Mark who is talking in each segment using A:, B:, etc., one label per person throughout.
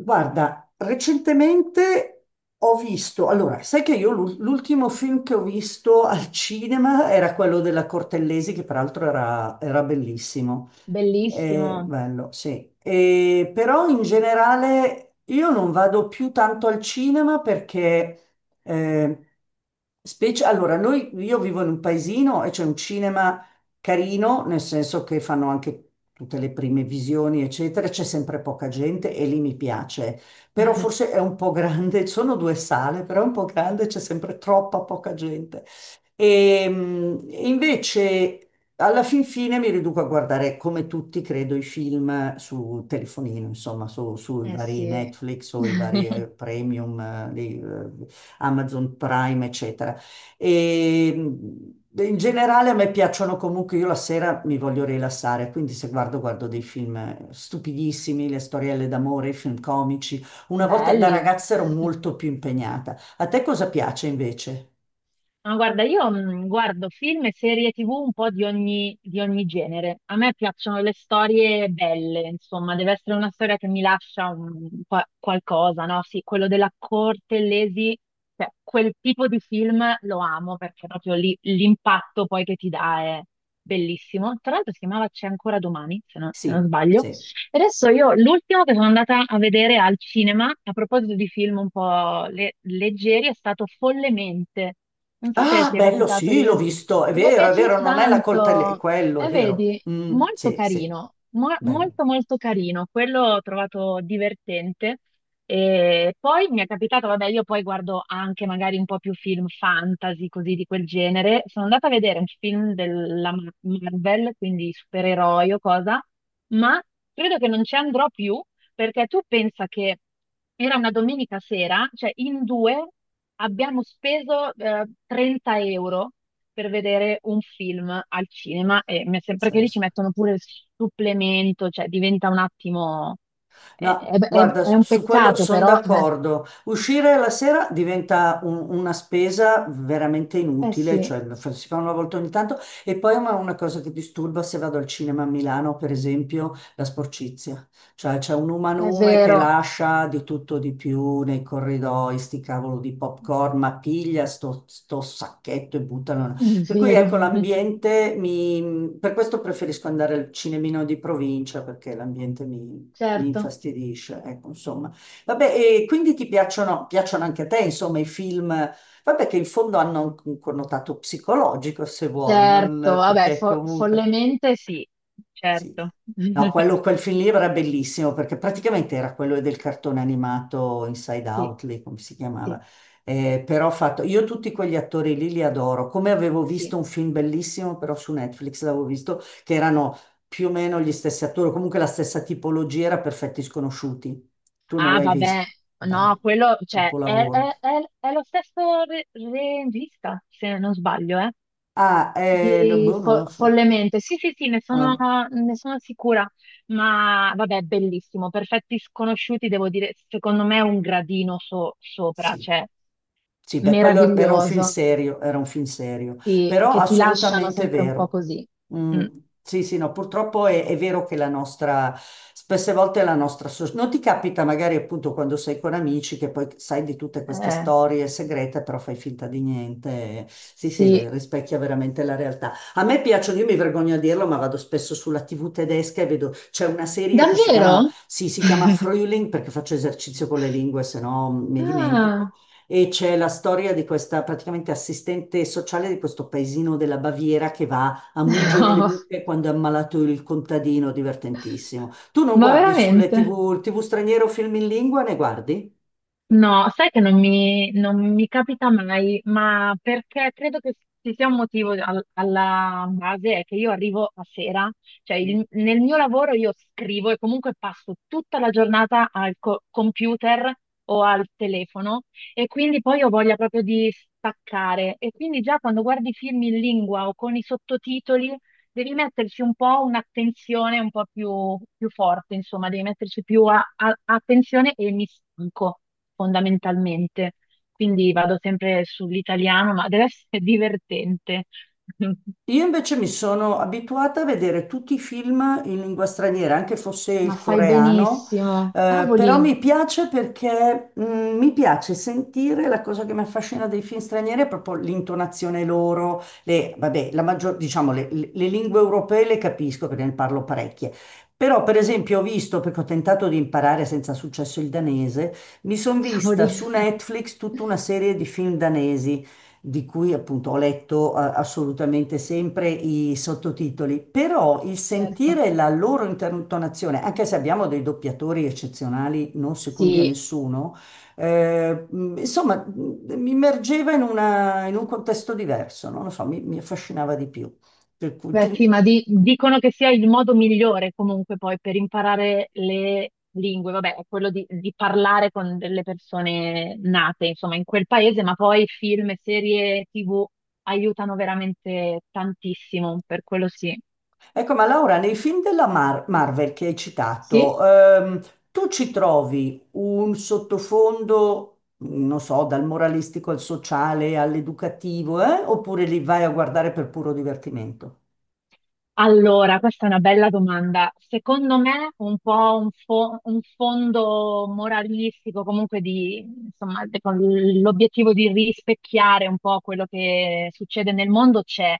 A: Guarda, recentemente ho visto, allora, sai che l'ultimo film che ho visto al cinema era quello della Cortellesi, che peraltro era bellissimo.
B: Bellissimo.
A: Bello, sì. Però in generale io non vado più tanto al cinema perché, eh, specie, allora, noi, io vivo in un paesino e c'è un cinema carino, nel senso che fanno anche tutte le prime visioni, eccetera, c'è sempre poca gente e lì mi piace, però forse è un po' grande, sono due sale, però è un po' grande, c'è sempre troppa poca gente. E, invece alla fin fine mi riduco a guardare, come tutti credo, i film su telefonino, insomma, sui
B: Eh
A: vari
B: sì.
A: Netflix o i vari premium, di Amazon Prime, eccetera. E in generale a me piacciono comunque, io la sera mi voglio rilassare, quindi se guardo dei film stupidissimi, le storielle d'amore, i film comici. Una volta da
B: Belli.
A: ragazza ero molto più impegnata. A te cosa piace invece?
B: Ma guarda, io guardo film e serie TV un po' di ogni genere. A me piacciono le storie belle, insomma, deve essere una storia che mi lascia un qualcosa, no? Sì, quello della corte, l'Esi, cioè, quel tipo di film lo amo perché proprio l'impatto poi che ti dà è bellissimo. Tra l'altro si chiamava C'è ancora domani, se non
A: Sì,
B: sbaglio.
A: sì.
B: Adesso io l'ultimo che sono andata a vedere al cinema, a proposito di film un po' leggeri, è stato Follemente. Non so se
A: Ah,
B: ti è
A: bello,
B: capitato di
A: sì, l'ho
B: vedere.
A: visto,
B: Mi è
A: è vero,
B: piaciuto
A: non è la coltelletta, è
B: tanto.
A: quello, è
B: E
A: vero.
B: vedi,
A: Mm,
B: molto
A: sì, sì,
B: carino,
A: bello,
B: molto molto carino, quello ho trovato divertente. E poi mi è capitato, vabbè, io poi guardo anche magari un po' più film fantasy, così di quel genere. Sono andata a vedere un film della Marvel, quindi supereroi o cosa, ma credo che non ci andrò più perché tu pensa che era una domenica sera, cioè in due abbiamo speso 30 euro per vedere un film al cinema e mi è sempre che lì ci
A: pazzesco.
B: mettono pure il supplemento, cioè diventa un attimo... È,
A: No,
B: è- è-
A: guarda,
B: è un
A: su quello
B: peccato,
A: sono
B: però...
A: d'accordo. Uscire la sera diventa una spesa veramente
B: eh
A: inutile,
B: sì,
A: cioè si fa una volta ogni tanto. E poi ma una cosa che disturba se vado al cinema a Milano, per esempio, la sporcizia. Cioè c'è un
B: è
A: umanume che
B: vero,
A: lascia di tutto di più nei corridoi, sti cavolo di popcorn, ma piglia sto sacchetto e buttano.
B: è
A: Per cui
B: vero,
A: ecco, l'ambiente mi... Per questo preferisco andare al cinemino di provincia, perché l'ambiente mi
B: certo,
A: infastidisce, ecco, insomma. Vabbè, e quindi ti piacciono anche a te, insomma, i film, vabbè, che in fondo hanno un connotato psicologico, se vuoi,
B: certo,
A: non
B: vabbè,
A: perché comunque...
B: follemente sì,
A: Sì.
B: certo.
A: No, quello, quel film lì era bellissimo perché praticamente era quello del cartone animato Inside
B: Sì.
A: Out, lì, come si
B: Sì,
A: chiamava. Però ho fatto, io tutti quegli attori lì li adoro. Come avevo visto
B: sì.
A: un film bellissimo, però su Netflix l'avevo visto, che erano più o meno gli stessi attori, comunque la stessa tipologia, era Perfetti Sconosciuti. Tu non
B: Ah,
A: l'hai
B: vabbè,
A: visto?
B: no,
A: Bello,
B: quello, cioè, è, è-
A: capolavoro.
B: è- è lo stesso regista, se non sbaglio, eh?
A: Ah, no,
B: Di
A: boh, non lo so.
B: follemente, sì, sì, sì, ne sono,
A: Ah.
B: ne sono sicura, ma vabbè, bellissimo. Perfetti sconosciuti, devo dire, secondo me è un gradino sopra,
A: Sì.
B: cioè
A: Sì, beh, quello era un film
B: meraviglioso,
A: serio, era un film serio,
B: sì,
A: però
B: che ti lasciano
A: assolutamente
B: sempre un po'
A: vero.
B: così.
A: Mm,
B: Mm,
A: sì, sì, no, purtroppo è vero che la nostra, spesse volte la nostra, non ti capita magari appunto quando sei con amici che poi sai di tutte queste
B: eh,
A: storie segrete, però fai finta di niente. Sì, sì, le
B: sì,
A: rispecchia veramente la realtà. A me piacciono, io mi vergogno a dirlo, ma vado spesso sulla TV tedesca e vedo, c'è una serie che si chiama
B: davvero?
A: sì, si chiama Frühling perché faccio esercizio con le lingue, se no mi dimentico.
B: Ah,
A: E c'è la storia di questa praticamente assistente sociale di questo paesino della Baviera che va a mungere le
B: no,
A: mucche quando è ammalato il contadino, divertentissimo. Tu non
B: ma
A: guardi sulle
B: veramente?
A: TV straniere o film in lingua, ne guardi?
B: No, sai che non mi capita mai, ma perché credo che ci sia un motivo alla base, è che io arrivo a sera, cioè nel mio lavoro io scrivo e comunque passo tutta la giornata al computer o al telefono e quindi poi ho voglia proprio di staccare e quindi già quando guardi film in lingua o con i sottotitoli devi metterci un po' un'attenzione un po' più forte, insomma, devi metterci più attenzione e mi stanco fondamentalmente. Quindi vado sempre sull'italiano, ma deve essere divertente.
A: Io invece mi sono abituata a vedere tutti i film in lingua straniera, anche fosse
B: Ma
A: il
B: fai
A: coreano,
B: benissimo.
A: però
B: Cavoli,
A: mi piace perché mi piace sentire, la cosa che mi affascina dei film stranieri è proprio l'intonazione loro, le, vabbè, la maggior, diciamo, le lingue europee le capisco perché ne parlo parecchie. Però, per esempio, ho visto, perché ho tentato di imparare senza successo il danese, mi sono vista
B: cavoli.
A: su Netflix tutta una serie di film danesi di cui appunto ho letto assolutamente sempre i sottotitoli, però il
B: Certo.
A: sentire la loro intonazione, anche se abbiamo dei doppiatori eccezionali, non secondi a
B: Sì,
A: nessuno, insomma, mi immergeva in un contesto diverso, no? Non lo so, mi affascinava di più. Per cui
B: beh, sì,
A: tu...
B: ma dicono che sia il modo migliore comunque poi per imparare le lingue, vabbè, è quello di parlare con delle persone nate, insomma, in quel paese, ma poi film e serie TV aiutano veramente tantissimo, per quello sì.
A: Ecco, ma Laura, nei film Marvel che hai
B: Sì?
A: citato, tu ci trovi un sottofondo, non so, dal moralistico al sociale, all'educativo, eh? Oppure li vai a guardare per puro divertimento?
B: Allora, questa è una bella domanda. Secondo me un po' un fondo moralistico, comunque di, insomma, con l'obiettivo di rispecchiare un po' quello che succede nel mondo c'è.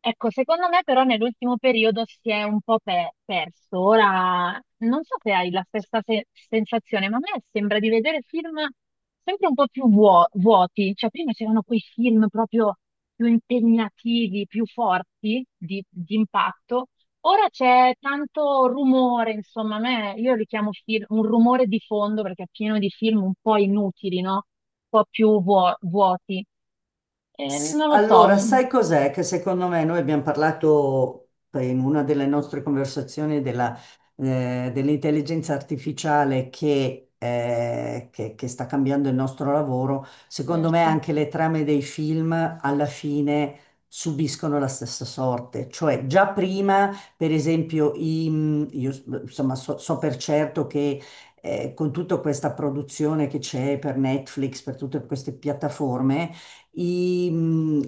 B: Ecco, secondo me però nell'ultimo periodo si è un po' perso. Ora, non so se hai la stessa sensazione, ma a me sembra di vedere film sempre un po' più vuoti. Cioè, prima c'erano quei film proprio più impegnativi, più forti di impatto. Ora c'è tanto rumore, insomma, a me, io li chiamo film, un rumore di fondo perché è pieno di film un po' inutili, no? Un po' più vuoti.
A: Sì.
B: Non lo so,
A: Allora,
B: mm,
A: sai cos'è? Che secondo me noi abbiamo parlato in una delle nostre conversazioni della, dell'intelligenza artificiale che sta cambiando il nostro lavoro. Secondo me
B: certo.
A: anche le trame dei film alla fine subiscono la stessa sorte. Cioè, già prima, per esempio, io insomma so per certo che con tutta questa produzione che c'è per Netflix, per tutte queste piattaforme, i, mh,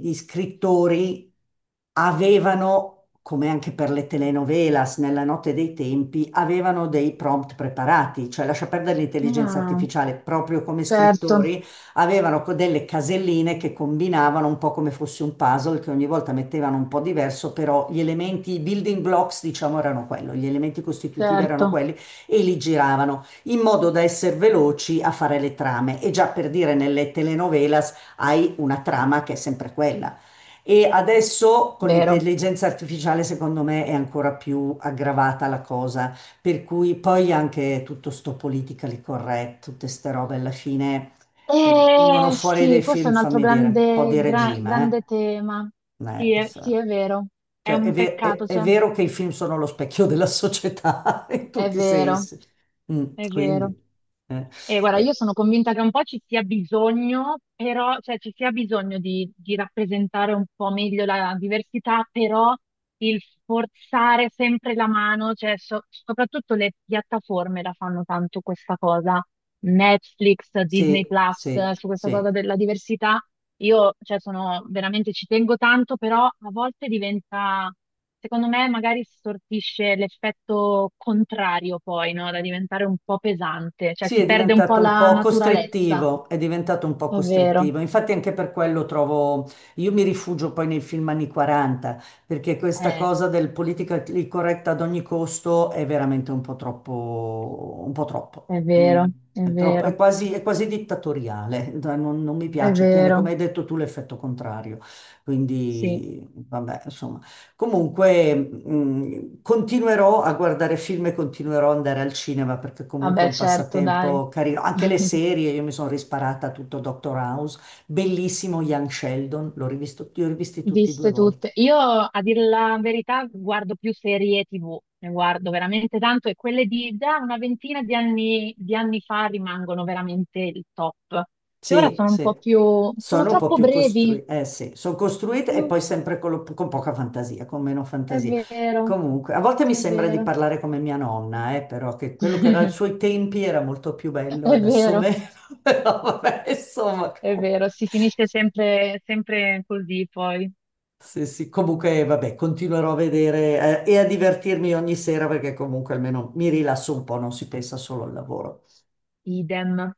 A: gli scrittori avevano, come anche per le telenovelas nella notte dei tempi, avevano dei prompt preparati, cioè lascia perdere l'intelligenza
B: Ah,
A: artificiale, proprio come
B: certo,
A: scrittori avevano delle caselline che combinavano un po' come fosse un puzzle, che ogni volta mettevano un po' diverso, però gli elementi, i building blocks, diciamo, erano quello, gli elementi costitutivi erano
B: certo,
A: quelli e li giravano in modo da essere veloci a fare le trame. E già per dire nelle telenovelas hai una trama che è sempre quella. E adesso con
B: vero.
A: l'intelligenza artificiale, secondo me, è ancora più aggravata la cosa, per cui poi anche tutto sto politically correct, tutte ste robe alla fine vengono fuori dei
B: Sì, questo è
A: film,
B: un altro
A: fammi dire, un po'
B: grande,
A: di regime,
B: grande tema.
A: eh? So.
B: Sì, è vero. È
A: Cioè,
B: un
A: è-
B: peccato,
A: è
B: cioè,
A: vero che i film sono lo specchio della società in
B: è
A: tutti i
B: vero,
A: sensi. Mm,
B: è vero.
A: quindi, eh,
B: E guarda, io
A: eh,
B: sono convinta che un po' ci sia bisogno, però, cioè ci sia bisogno di rappresentare un po' meglio la diversità, però il forzare sempre la mano, cioè soprattutto le piattaforme la fanno tanto questa cosa, Netflix, Disney
A: sì,
B: Plus,
A: sì,
B: su questa
A: sì.
B: cosa della diversità, io, cioè, sono veramente, ci tengo tanto, però a volte diventa, secondo me, magari si sortisce l'effetto contrario poi, no? Da diventare un po' pesante, cioè
A: Sì,
B: si
A: è
B: perde un po'
A: diventato un
B: la
A: po'
B: naturalezza.
A: costrittivo, è diventato un po'
B: È vero,
A: costrittivo. Infatti anche per quello trovo, io mi rifugio poi nei film anni 40, perché questa
B: eh,
A: cosa del politically correct ad ogni costo è veramente un po' troppo, un po' troppo.
B: è
A: Mm,
B: vero, è vero,
A: è quasi dittatoriale, non mi
B: è
A: piace, tiene,
B: vero.
A: come hai detto tu, l'effetto contrario.
B: Sì,
A: Quindi, vabbè, comunque, continuerò a guardare film e continuerò ad andare al cinema perché comunque è
B: vabbè,
A: un
B: certo, dai.
A: passatempo carino. Anche le serie, io mi sono risparata tutto Doctor House, bellissimo Young Sheldon, l'ho rivisto, li ho rivisti tutti due
B: Viste
A: volte.
B: tutte. Io, a dire la verità, guardo più serie TV, ne guardo veramente tanto e quelle di da una ventina di anni, fa rimangono veramente il top. E ora
A: Sì,
B: sono un
A: sì,
B: po' più... sono
A: sono un po'
B: troppo
A: più
B: brevi.
A: costruite, eh sì, sono costruite e
B: Mm,
A: poi sempre con, con poca fantasia, con meno
B: è
A: fantasia.
B: vero,
A: Comunque, a volte mi
B: è
A: sembra di
B: vero.
A: parlare come mia nonna, però che quello che era ai suoi tempi era molto più bello,
B: È
A: adesso
B: vero,
A: meno, però vabbè, insomma,
B: è
A: comunque,
B: vero, si finisce sempre, sempre così poi.
A: sì, sì, comunque, vabbè, continuerò a vedere, e a divertirmi ogni sera perché comunque almeno mi rilasso un po', non si pensa solo al lavoro.
B: Idem.